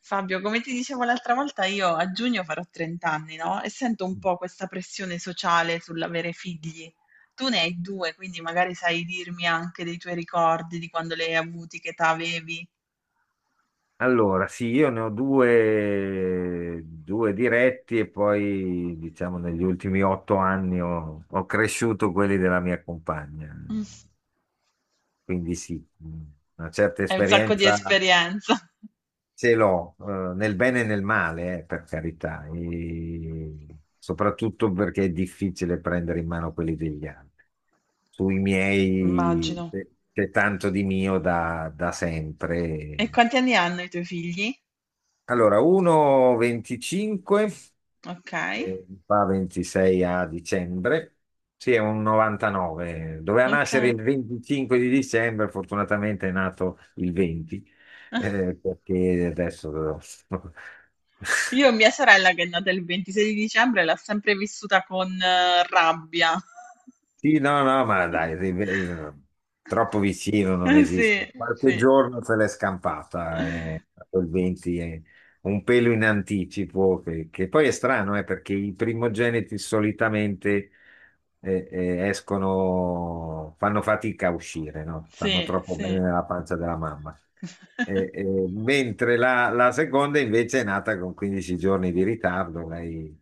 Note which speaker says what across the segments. Speaker 1: Fabio, come ti dicevo l'altra volta, io a giugno farò 30 anni, no? E sento un po' questa pressione sociale sull'avere figli. Tu ne hai due, quindi magari sai dirmi anche dei tuoi ricordi di quando li hai avuti, che età avevi.
Speaker 2: Allora, sì, io ne ho due, due diretti e poi, diciamo, negli ultimi 8 anni ho cresciuto quelli della mia compagna.
Speaker 1: Mm.
Speaker 2: Quindi sì, una certa
Speaker 1: Hai un sacco di
Speaker 2: esperienza
Speaker 1: esperienza.
Speaker 2: ce l'ho, nel bene e nel male, per carità, e soprattutto perché è difficile prendere in mano quelli degli altri. Sui miei
Speaker 1: Immagino.
Speaker 2: c'è tanto di mio da
Speaker 1: E
Speaker 2: sempre.
Speaker 1: quanti anni hanno i tuoi figli?
Speaker 2: Allora, 1,25
Speaker 1: Ok,
Speaker 2: fa 26 a dicembre. Sì, è un 99. Doveva
Speaker 1: ok.
Speaker 2: nascere il 25 di dicembre, fortunatamente è nato il 20, perché adesso
Speaker 1: Io mia sorella che è nata il 26 di dicembre l'ha sempre vissuta con rabbia.
Speaker 2: Sì, no, no, ma dai, troppo vicino non
Speaker 1: Sì,
Speaker 2: esiste. Qualche
Speaker 1: sì,
Speaker 2: giorno se l'è scampata, quel 20 è un pelo in anticipo, che poi è strano, perché i primogeniti solitamente escono, fanno fatica a uscire, no? Stanno
Speaker 1: sì,
Speaker 2: troppo
Speaker 1: sì.
Speaker 2: bene nella pancia della mamma. Mentre la seconda invece è nata con 15 giorni di ritardo. Lei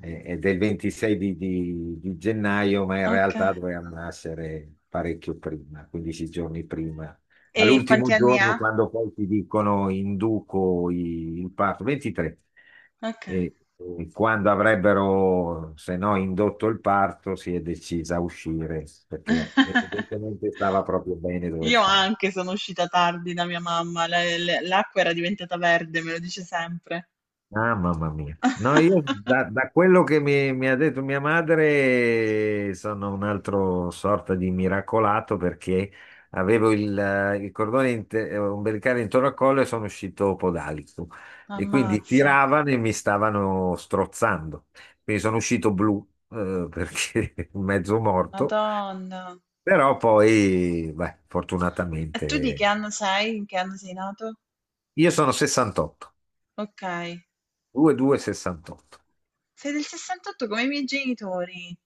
Speaker 2: è del 26 di gennaio, ma in
Speaker 1: Ok.
Speaker 2: realtà doveva nascere parecchio prima, 15 giorni prima.
Speaker 1: E quanti
Speaker 2: All'ultimo
Speaker 1: anni ha?
Speaker 2: giorno, quando poi ti dicono induco il parto, 23,
Speaker 1: Ok.
Speaker 2: e, e quando avrebbero, se no, indotto il parto, si è decisa a uscire perché evidentemente stava proprio bene dove
Speaker 1: Io
Speaker 2: stava.
Speaker 1: anche sono uscita tardi da mia mamma, l'acqua era diventata verde, me lo dice sempre.
Speaker 2: Ah, mamma mia. No, io da quello che mi ha detto mia madre, sono un altro sorta di miracolato perché avevo il cordone ombelicale intorno al collo e sono uscito podalico e quindi
Speaker 1: Ammazza.
Speaker 2: tiravano e mi stavano strozzando. Quindi sono uscito blu, perché mezzo morto,
Speaker 1: Madonna.
Speaker 2: però poi, beh,
Speaker 1: E tu di che
Speaker 2: fortunatamente
Speaker 1: anno sei? In che anno sei nato?
Speaker 2: io sono 68,
Speaker 1: Ok.
Speaker 2: 2268.
Speaker 1: Sei del 68 come i miei genitori.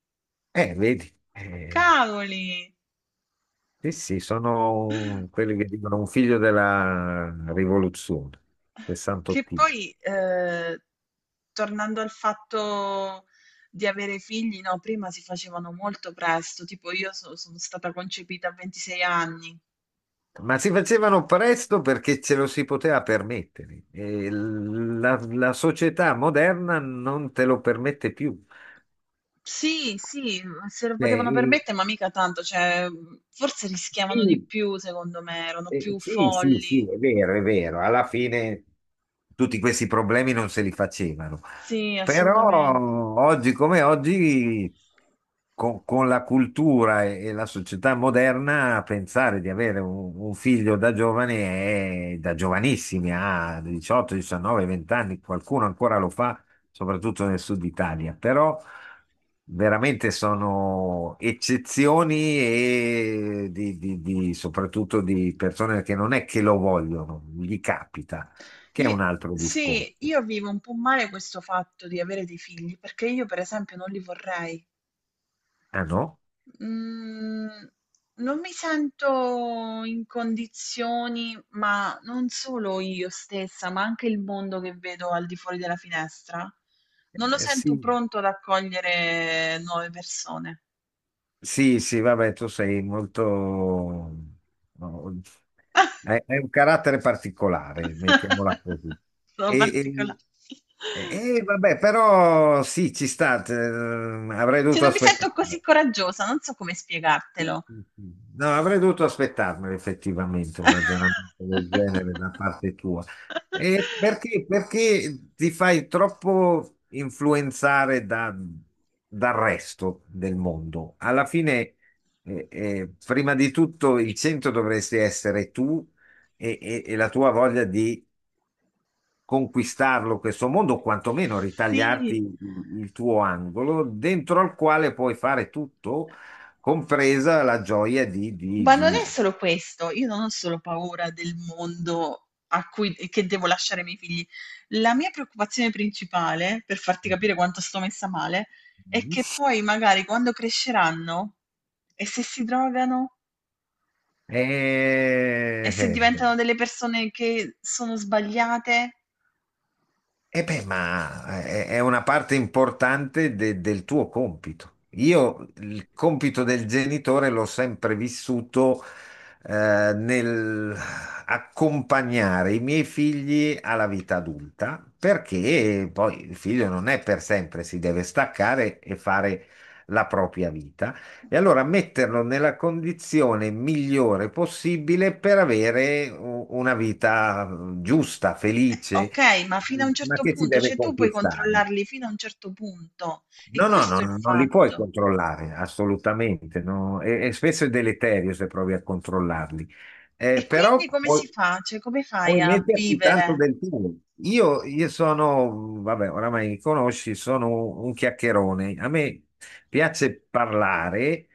Speaker 2: Vedi.
Speaker 1: Cavoli!
Speaker 2: Sì, sì, sono quelli che dicono un figlio della rivoluzione,
Speaker 1: Che
Speaker 2: 68.
Speaker 1: poi, tornando al fatto di avere figli, no, prima si facevano molto presto, tipo io so sono stata concepita a 26 anni.
Speaker 2: Ma si facevano presto perché ce lo si poteva permettere. E la società moderna non te lo permette più.
Speaker 1: Sì, sì, mhmm, se lo
Speaker 2: Cioè,
Speaker 1: potevano permettere, ma mica tanto, cioè, mhmm, forse rischiavano di
Speaker 2: sì.
Speaker 1: più secondo me, erano più
Speaker 2: Sì, sì, sì,
Speaker 1: folli.
Speaker 2: è vero, è vero. Alla fine tutti questi problemi non se li facevano.
Speaker 1: Sì, assolutamente.
Speaker 2: Però oggi come oggi, con la cultura e la società moderna, pensare di avere un figlio da giovane è da giovanissimi, a 18, 19, 20 anni, qualcuno ancora lo fa, soprattutto nel sud Italia. Però veramente sono eccezioni e soprattutto di persone che non è che lo vogliono, gli capita, che è
Speaker 1: I
Speaker 2: un altro
Speaker 1: sì,
Speaker 2: discorso.
Speaker 1: io vivo un po' male questo fatto di avere dei figli, perché io per esempio non li vorrei.
Speaker 2: Ah no?
Speaker 1: Mhmm, non mi sento in condizioni, ma non solo io stessa, ma anche il mondo che vedo al di fuori della finestra, non lo sento
Speaker 2: Sì,
Speaker 1: pronto ad accogliere nuove persone.
Speaker 2: sì, sì, vabbè, tu sei molto. No, hai un carattere particolare, mettiamola così.
Speaker 1: Sono particola.
Speaker 2: E, e vabbè, però sì, ci sta, avrei
Speaker 1: Cioè
Speaker 2: dovuto
Speaker 1: non mi sento
Speaker 2: aspettare.
Speaker 1: così coraggiosa, non so come
Speaker 2: Sì,
Speaker 1: spiegartelo.
Speaker 2: sì, sì. No, avrei dovuto aspettarmelo effettivamente un ragionamento del genere da parte tua. E perché ti fai troppo influenzare dal resto del mondo? Alla fine, prima di tutto, il centro dovresti essere tu e la tua voglia di conquistarlo questo mondo, o quantomeno ritagliarti
Speaker 1: Sì.
Speaker 2: il tuo angolo, dentro al quale puoi fare tutto, compresa la gioia di... di,
Speaker 1: Ma non è
Speaker 2: di...
Speaker 1: solo questo, io non ho solo paura del mondo a cui che devo lasciare i miei figli. La mia preoccupazione principale, per farti capire quanto sto messa male, è che poi magari quando cresceranno e se si drogano e
Speaker 2: Eh,
Speaker 1: se
Speaker 2: eh, eh.
Speaker 1: diventano delle persone che sono sbagliate,
Speaker 2: E beh, ma è una parte importante del tuo compito. Io il compito del genitore l'ho sempre vissuto nel accompagnare i miei figli alla vita adulta, perché poi il figlio non è per sempre, si deve staccare e fare la propria vita. E allora metterlo nella condizione migliore possibile per avere una vita giusta, felice,
Speaker 1: ok, ma fino a un
Speaker 2: ma
Speaker 1: certo
Speaker 2: che si
Speaker 1: punto,
Speaker 2: deve
Speaker 1: cioè tu puoi
Speaker 2: conquistare?
Speaker 1: controllarli fino a un certo punto e
Speaker 2: No, no, no,
Speaker 1: questo è il
Speaker 2: non li puoi
Speaker 1: fatto.
Speaker 2: controllare, assolutamente, no. E spesso è deleterio se provi a controllarli.
Speaker 1: E
Speaker 2: Però
Speaker 1: quindi come
Speaker 2: puoi,
Speaker 1: si fa? Cioè come fai
Speaker 2: puoi
Speaker 1: a
Speaker 2: metterci tanto
Speaker 1: vivere?
Speaker 2: del tuo. Io sono, vabbè, oramai mi conosci, sono un chiacchierone. A me piace parlare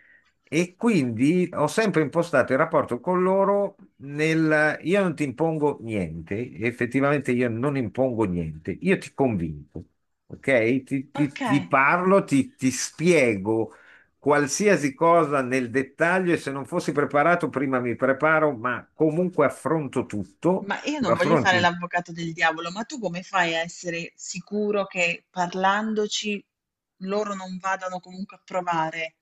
Speaker 2: e quindi ho sempre impostato il rapporto con loro nel io non ti impongo niente, effettivamente io non impongo niente, io ti convinco. Ok? Ti,
Speaker 1: Ok.
Speaker 2: ti- ti parlo, ti spiego qualsiasi cosa nel dettaglio, e se non fossi preparato prima mi preparo, ma comunque affronto tutto,
Speaker 1: Ma io
Speaker 2: lo
Speaker 1: non voglio
Speaker 2: affronto.
Speaker 1: fare l'avvocato del diavolo, ma tu come fai a essere sicuro che parlandoci loro non vadano comunque a provare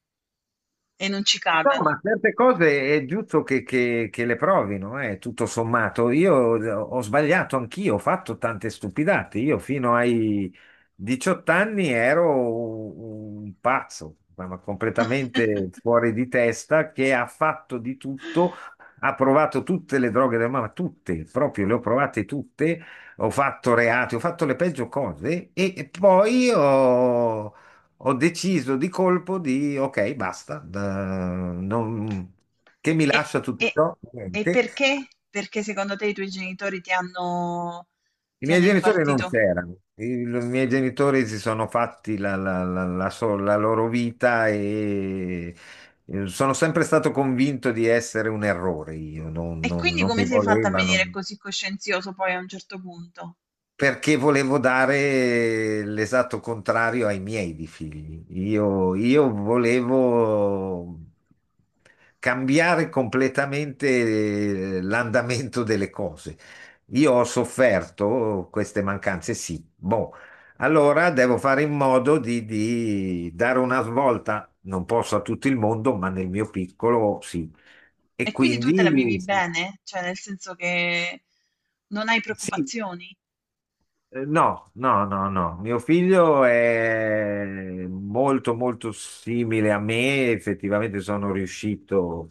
Speaker 1: e non ci
Speaker 2: No, ma
Speaker 1: cadano?
Speaker 2: certe cose è giusto che le provino, tutto sommato. Io ho sbagliato anch'io, ho fatto tante stupidate. Io fino ai 18 anni ero un pazzo, ma completamente fuori di testa, che ha fatto di tutto, ha provato tutte le droghe del mamma, tutte, proprio le ho provate tutte, ho fatto reati, ho fatto le peggio cose e poi ho deciso di colpo di ok, basta, che mi
Speaker 1: E,
Speaker 2: lascia tutto
Speaker 1: e-
Speaker 2: ciò? Niente.
Speaker 1: perché? Perché secondo te i tuoi genitori
Speaker 2: I
Speaker 1: ti
Speaker 2: miei
Speaker 1: hanno
Speaker 2: genitori non
Speaker 1: impartito?
Speaker 2: c'erano, i miei genitori si sono fatti la loro vita, e sono sempre stato convinto di essere un errore. Io non,
Speaker 1: E
Speaker 2: non-
Speaker 1: quindi
Speaker 2: non mi
Speaker 1: come sei fatta a venire
Speaker 2: volevano.
Speaker 1: così coscienzioso poi a un certo punto?
Speaker 2: Perché volevo dare l'esatto contrario ai miei di figli. Io volevo cambiare completamente l'andamento delle cose. Io ho sofferto queste mancanze, sì. Boh, allora devo fare in modo di dare una svolta, non posso a tutto il mondo, ma nel mio piccolo sì. E
Speaker 1: E quindi tu te la vivi
Speaker 2: quindi sì,
Speaker 1: bene? Cioè nel senso che non hai
Speaker 2: sì.
Speaker 1: preoccupazioni?
Speaker 2: No, no, no, no. Mio figlio è molto, molto simile a me. Effettivamente sono riuscito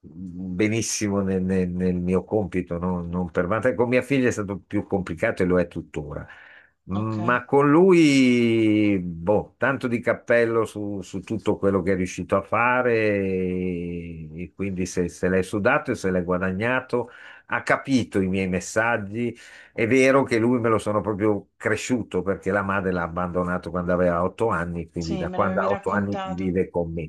Speaker 2: benissimo nel mio compito, no? Non per vanta- Con mia figlia è stato più complicato e lo è tuttora.
Speaker 1: Ok.
Speaker 2: Ma con lui, boh, tanto di cappello su tutto quello che è riuscito a fare, e quindi se l'è sudato e se l'è guadagnato, ha capito i miei messaggi. È vero che lui me lo sono proprio cresciuto perché la madre l'ha abbandonato quando aveva 8 anni, quindi
Speaker 1: Sì,
Speaker 2: da
Speaker 1: me
Speaker 2: quando
Speaker 1: l'avevi
Speaker 2: ha 8 anni
Speaker 1: raccontato.
Speaker 2: vive con me,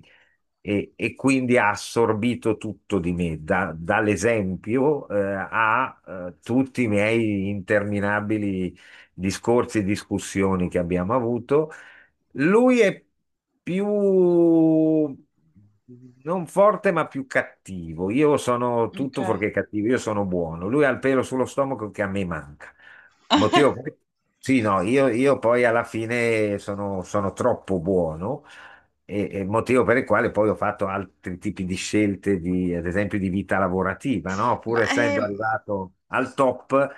Speaker 2: e quindi ha assorbito tutto di me, dall'esempio, a tutti i miei interminabili discorsi e discussioni che abbiamo avuto. Lui è più non forte, ma più cattivo. Io sono tutto
Speaker 1: Okay.
Speaker 2: fuorché cattivo, io sono buono. Lui ha il pelo sullo stomaco che a me manca. Motivo per- Sì, no, io poi alla fine sono troppo buono, e motivo per il quale poi ho fatto altri tipi di scelte, di, ad esempio di vita lavorativa, no?
Speaker 1: Ma,
Speaker 2: Pur essendo
Speaker 1: ehm,
Speaker 2: arrivato al top,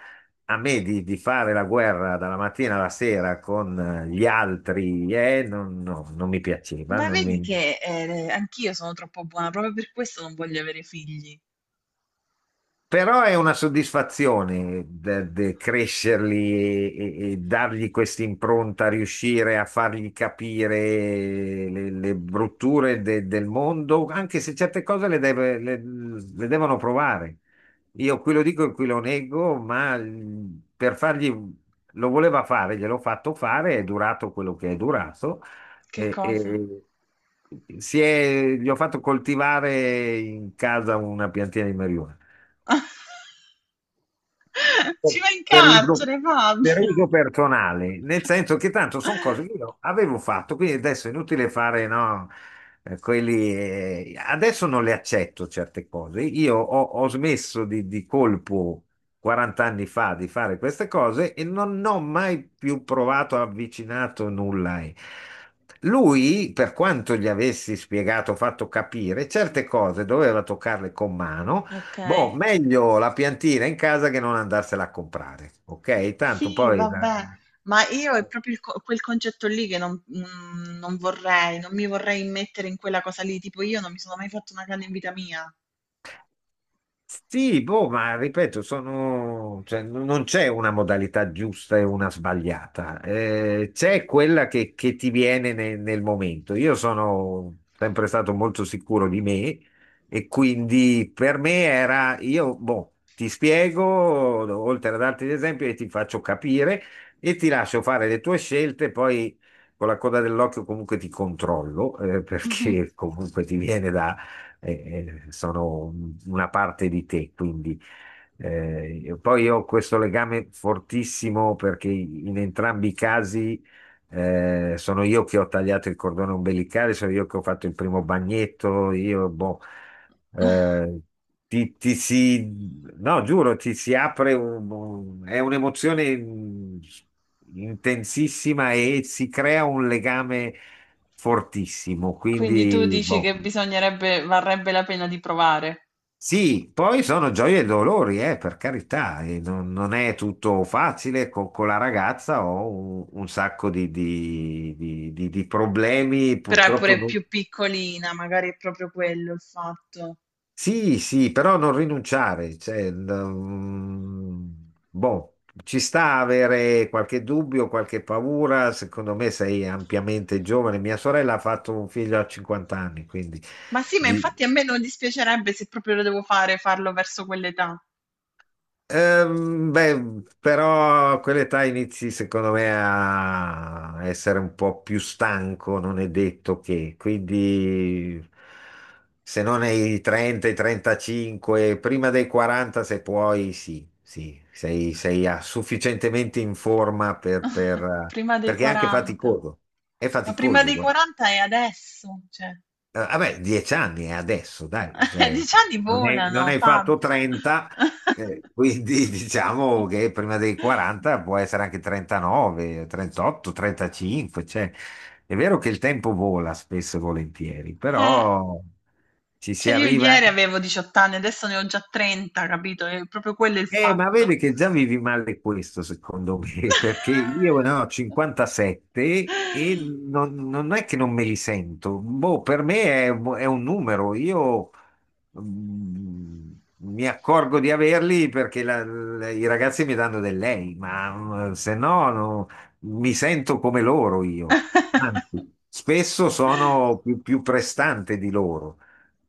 Speaker 2: a me di fare la guerra dalla mattina alla sera con gli altri, non, no, non mi piaceva,
Speaker 1: ma
Speaker 2: non mi.
Speaker 1: vedi che, anch'io sono troppo buona, proprio per questo non voglio avere figli.
Speaker 2: Però è una soddisfazione crescerli e dargli questa impronta, riuscire a fargli capire le brutture del mondo, anche se certe cose le devono provare. Io qui lo dico e qui lo nego, ma per fargli, lo voleva fare, gliel'ho fatto fare, è durato quello che è durato.
Speaker 1: Che
Speaker 2: E,
Speaker 1: cosa?
Speaker 2: e- Gli ho fatto coltivare in casa una piantina di marijuana
Speaker 1: Ci
Speaker 2: per
Speaker 1: vai in
Speaker 2: per uso,
Speaker 1: carcere, Fabio!
Speaker 2: per uso personale, nel senso che tanto sono cose che io avevo fatto, quindi adesso è inutile fare, no, quelli, adesso non le accetto certe cose. Io ho smesso di colpo 40 anni fa di fare queste cose e non ho mai più provato, avvicinato nulla. E lui, per quanto gli avessi spiegato, fatto capire, certe cose doveva toccarle con mano. Boh,
Speaker 1: Okay.
Speaker 2: meglio la piantina in casa che non andarsela a comprare, ok? Tanto
Speaker 1: Sì,
Speaker 2: poi
Speaker 1: vabbè, ma io è proprio il quel concetto lì che non, mm, non vorrei, non mi vorrei immettere in quella cosa lì, tipo io non mi sono mai fatto una canna in vita mia.
Speaker 2: sì, boh, ma ripeto, sono, cioè, non c'è una modalità giusta e una sbagliata. C'è quella che ti viene nel momento. Io sono sempre stato molto sicuro di me, e quindi per me era, io, boh, ti spiego, oltre ad altri esempi, e ti faccio capire e ti lascio fare le tue scelte, poi con la coda dell'occhio comunque ti controllo,
Speaker 1: Mhm.
Speaker 2: perché comunque ti viene sono una parte di te, quindi poi io ho questo legame fortissimo perché in entrambi i casi sono io che ho tagliato il cordone ombelicale, sono io che ho fatto il primo bagnetto, io boh, eh, ti si, no, giuro, ti si apre è un'emozione intensissima e si crea un legame fortissimo,
Speaker 1: Quindi tu
Speaker 2: quindi
Speaker 1: dici che
Speaker 2: boh.
Speaker 1: bisognerebbe, varrebbe la pena di provare.
Speaker 2: Sì, poi sono gioie e dolori, per carità, e non è tutto facile con la ragazza, ho un sacco di problemi,
Speaker 1: Però è
Speaker 2: purtroppo
Speaker 1: pure più piccolina, magari è proprio quello il fatto.
Speaker 2: sì, sì, però non rinunciare, cioè, boh, ci sta avere qualche dubbio, qualche paura, secondo me sei ampiamente giovane, mia sorella ha fatto un figlio a 50 anni, quindi...
Speaker 1: Ma sì, ma
Speaker 2: di-
Speaker 1: infatti a me non dispiacerebbe se proprio lo devo fare, farlo verso quell'età.
Speaker 2: Beh, però a quell'età inizi secondo me a essere un po' più stanco, non è detto che, quindi se non ai 30, ai 35, prima dei 40 se puoi, sì, sì, sei sufficientemente in forma
Speaker 1: Prima dei
Speaker 2: perché è anche
Speaker 1: 40.
Speaker 2: faticoso, è
Speaker 1: Ma prima
Speaker 2: faticoso,
Speaker 1: dei
Speaker 2: guarda.
Speaker 1: 40 è adesso, cioè.
Speaker 2: Vabbè, 10 anni è adesso, dai,
Speaker 1: Gli
Speaker 2: cioè,
Speaker 1: anni
Speaker 2: non hai, non
Speaker 1: volano,
Speaker 2: hai fatto
Speaker 1: Fabio.
Speaker 2: 30, quindi diciamo che prima dei 40 può essere anche 39, 38, 35, cioè, è vero che il tempo vola spesso e volentieri,
Speaker 1: Eh,
Speaker 2: però ci si
Speaker 1: cioè io
Speaker 2: arriva.
Speaker 1: ieri avevo 18 anni, adesso ne ho già 30, capito? È proprio quello il
Speaker 2: Ma
Speaker 1: fatto.
Speaker 2: vedi che già vivi male questo, secondo me, perché io ne ho 57 e non è che non me li sento. Boh, per me è un numero. Io mm, mi accorgo di averli perché i ragazzi mi danno del lei, ma se no, no, mi sento come loro io. Anzi, spesso sono più prestante di loro.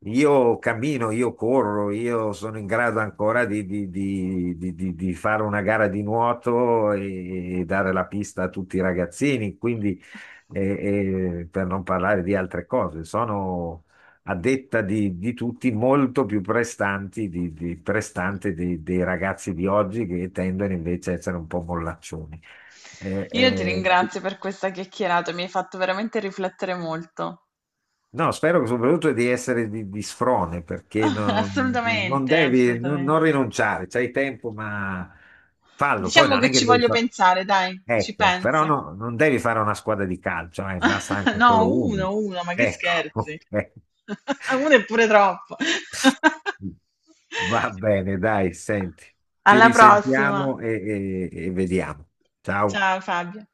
Speaker 2: Io cammino, io corro, io sono in grado ancora di fare una gara di nuoto e dare la pista a tutti i ragazzini, quindi per non parlare di altre cose, sono a detta di tutti molto più prestanti prestante dei ragazzi di oggi che tendono invece a essere un po' mollaccioni. Eh,
Speaker 1: Io ti
Speaker 2: eh,
Speaker 1: ringrazio per questa chiacchierata, mi hai fatto veramente riflettere molto.
Speaker 2: No, spero soprattutto di essere di sfrone perché non
Speaker 1: Assolutamente,
Speaker 2: devi, non,
Speaker 1: assolutamente.
Speaker 2: non rinunciare, c'hai tempo, ma fallo. Poi
Speaker 1: Diciamo
Speaker 2: non
Speaker 1: che
Speaker 2: è che
Speaker 1: ci
Speaker 2: devi
Speaker 1: voglio
Speaker 2: fare.
Speaker 1: pensare, dai, ci
Speaker 2: Ecco, però
Speaker 1: penso.
Speaker 2: no, non devi fare una squadra di calcio, basta anche
Speaker 1: No,
Speaker 2: solo uno.
Speaker 1: uno, uno, ma che
Speaker 2: Ecco,
Speaker 1: scherzi.
Speaker 2: ok.
Speaker 1: Uno è pure troppo.
Speaker 2: Va bene, dai, senti, ci
Speaker 1: Alla prossima.
Speaker 2: risentiamo e vediamo. Ciao.
Speaker 1: Ciao Fabio.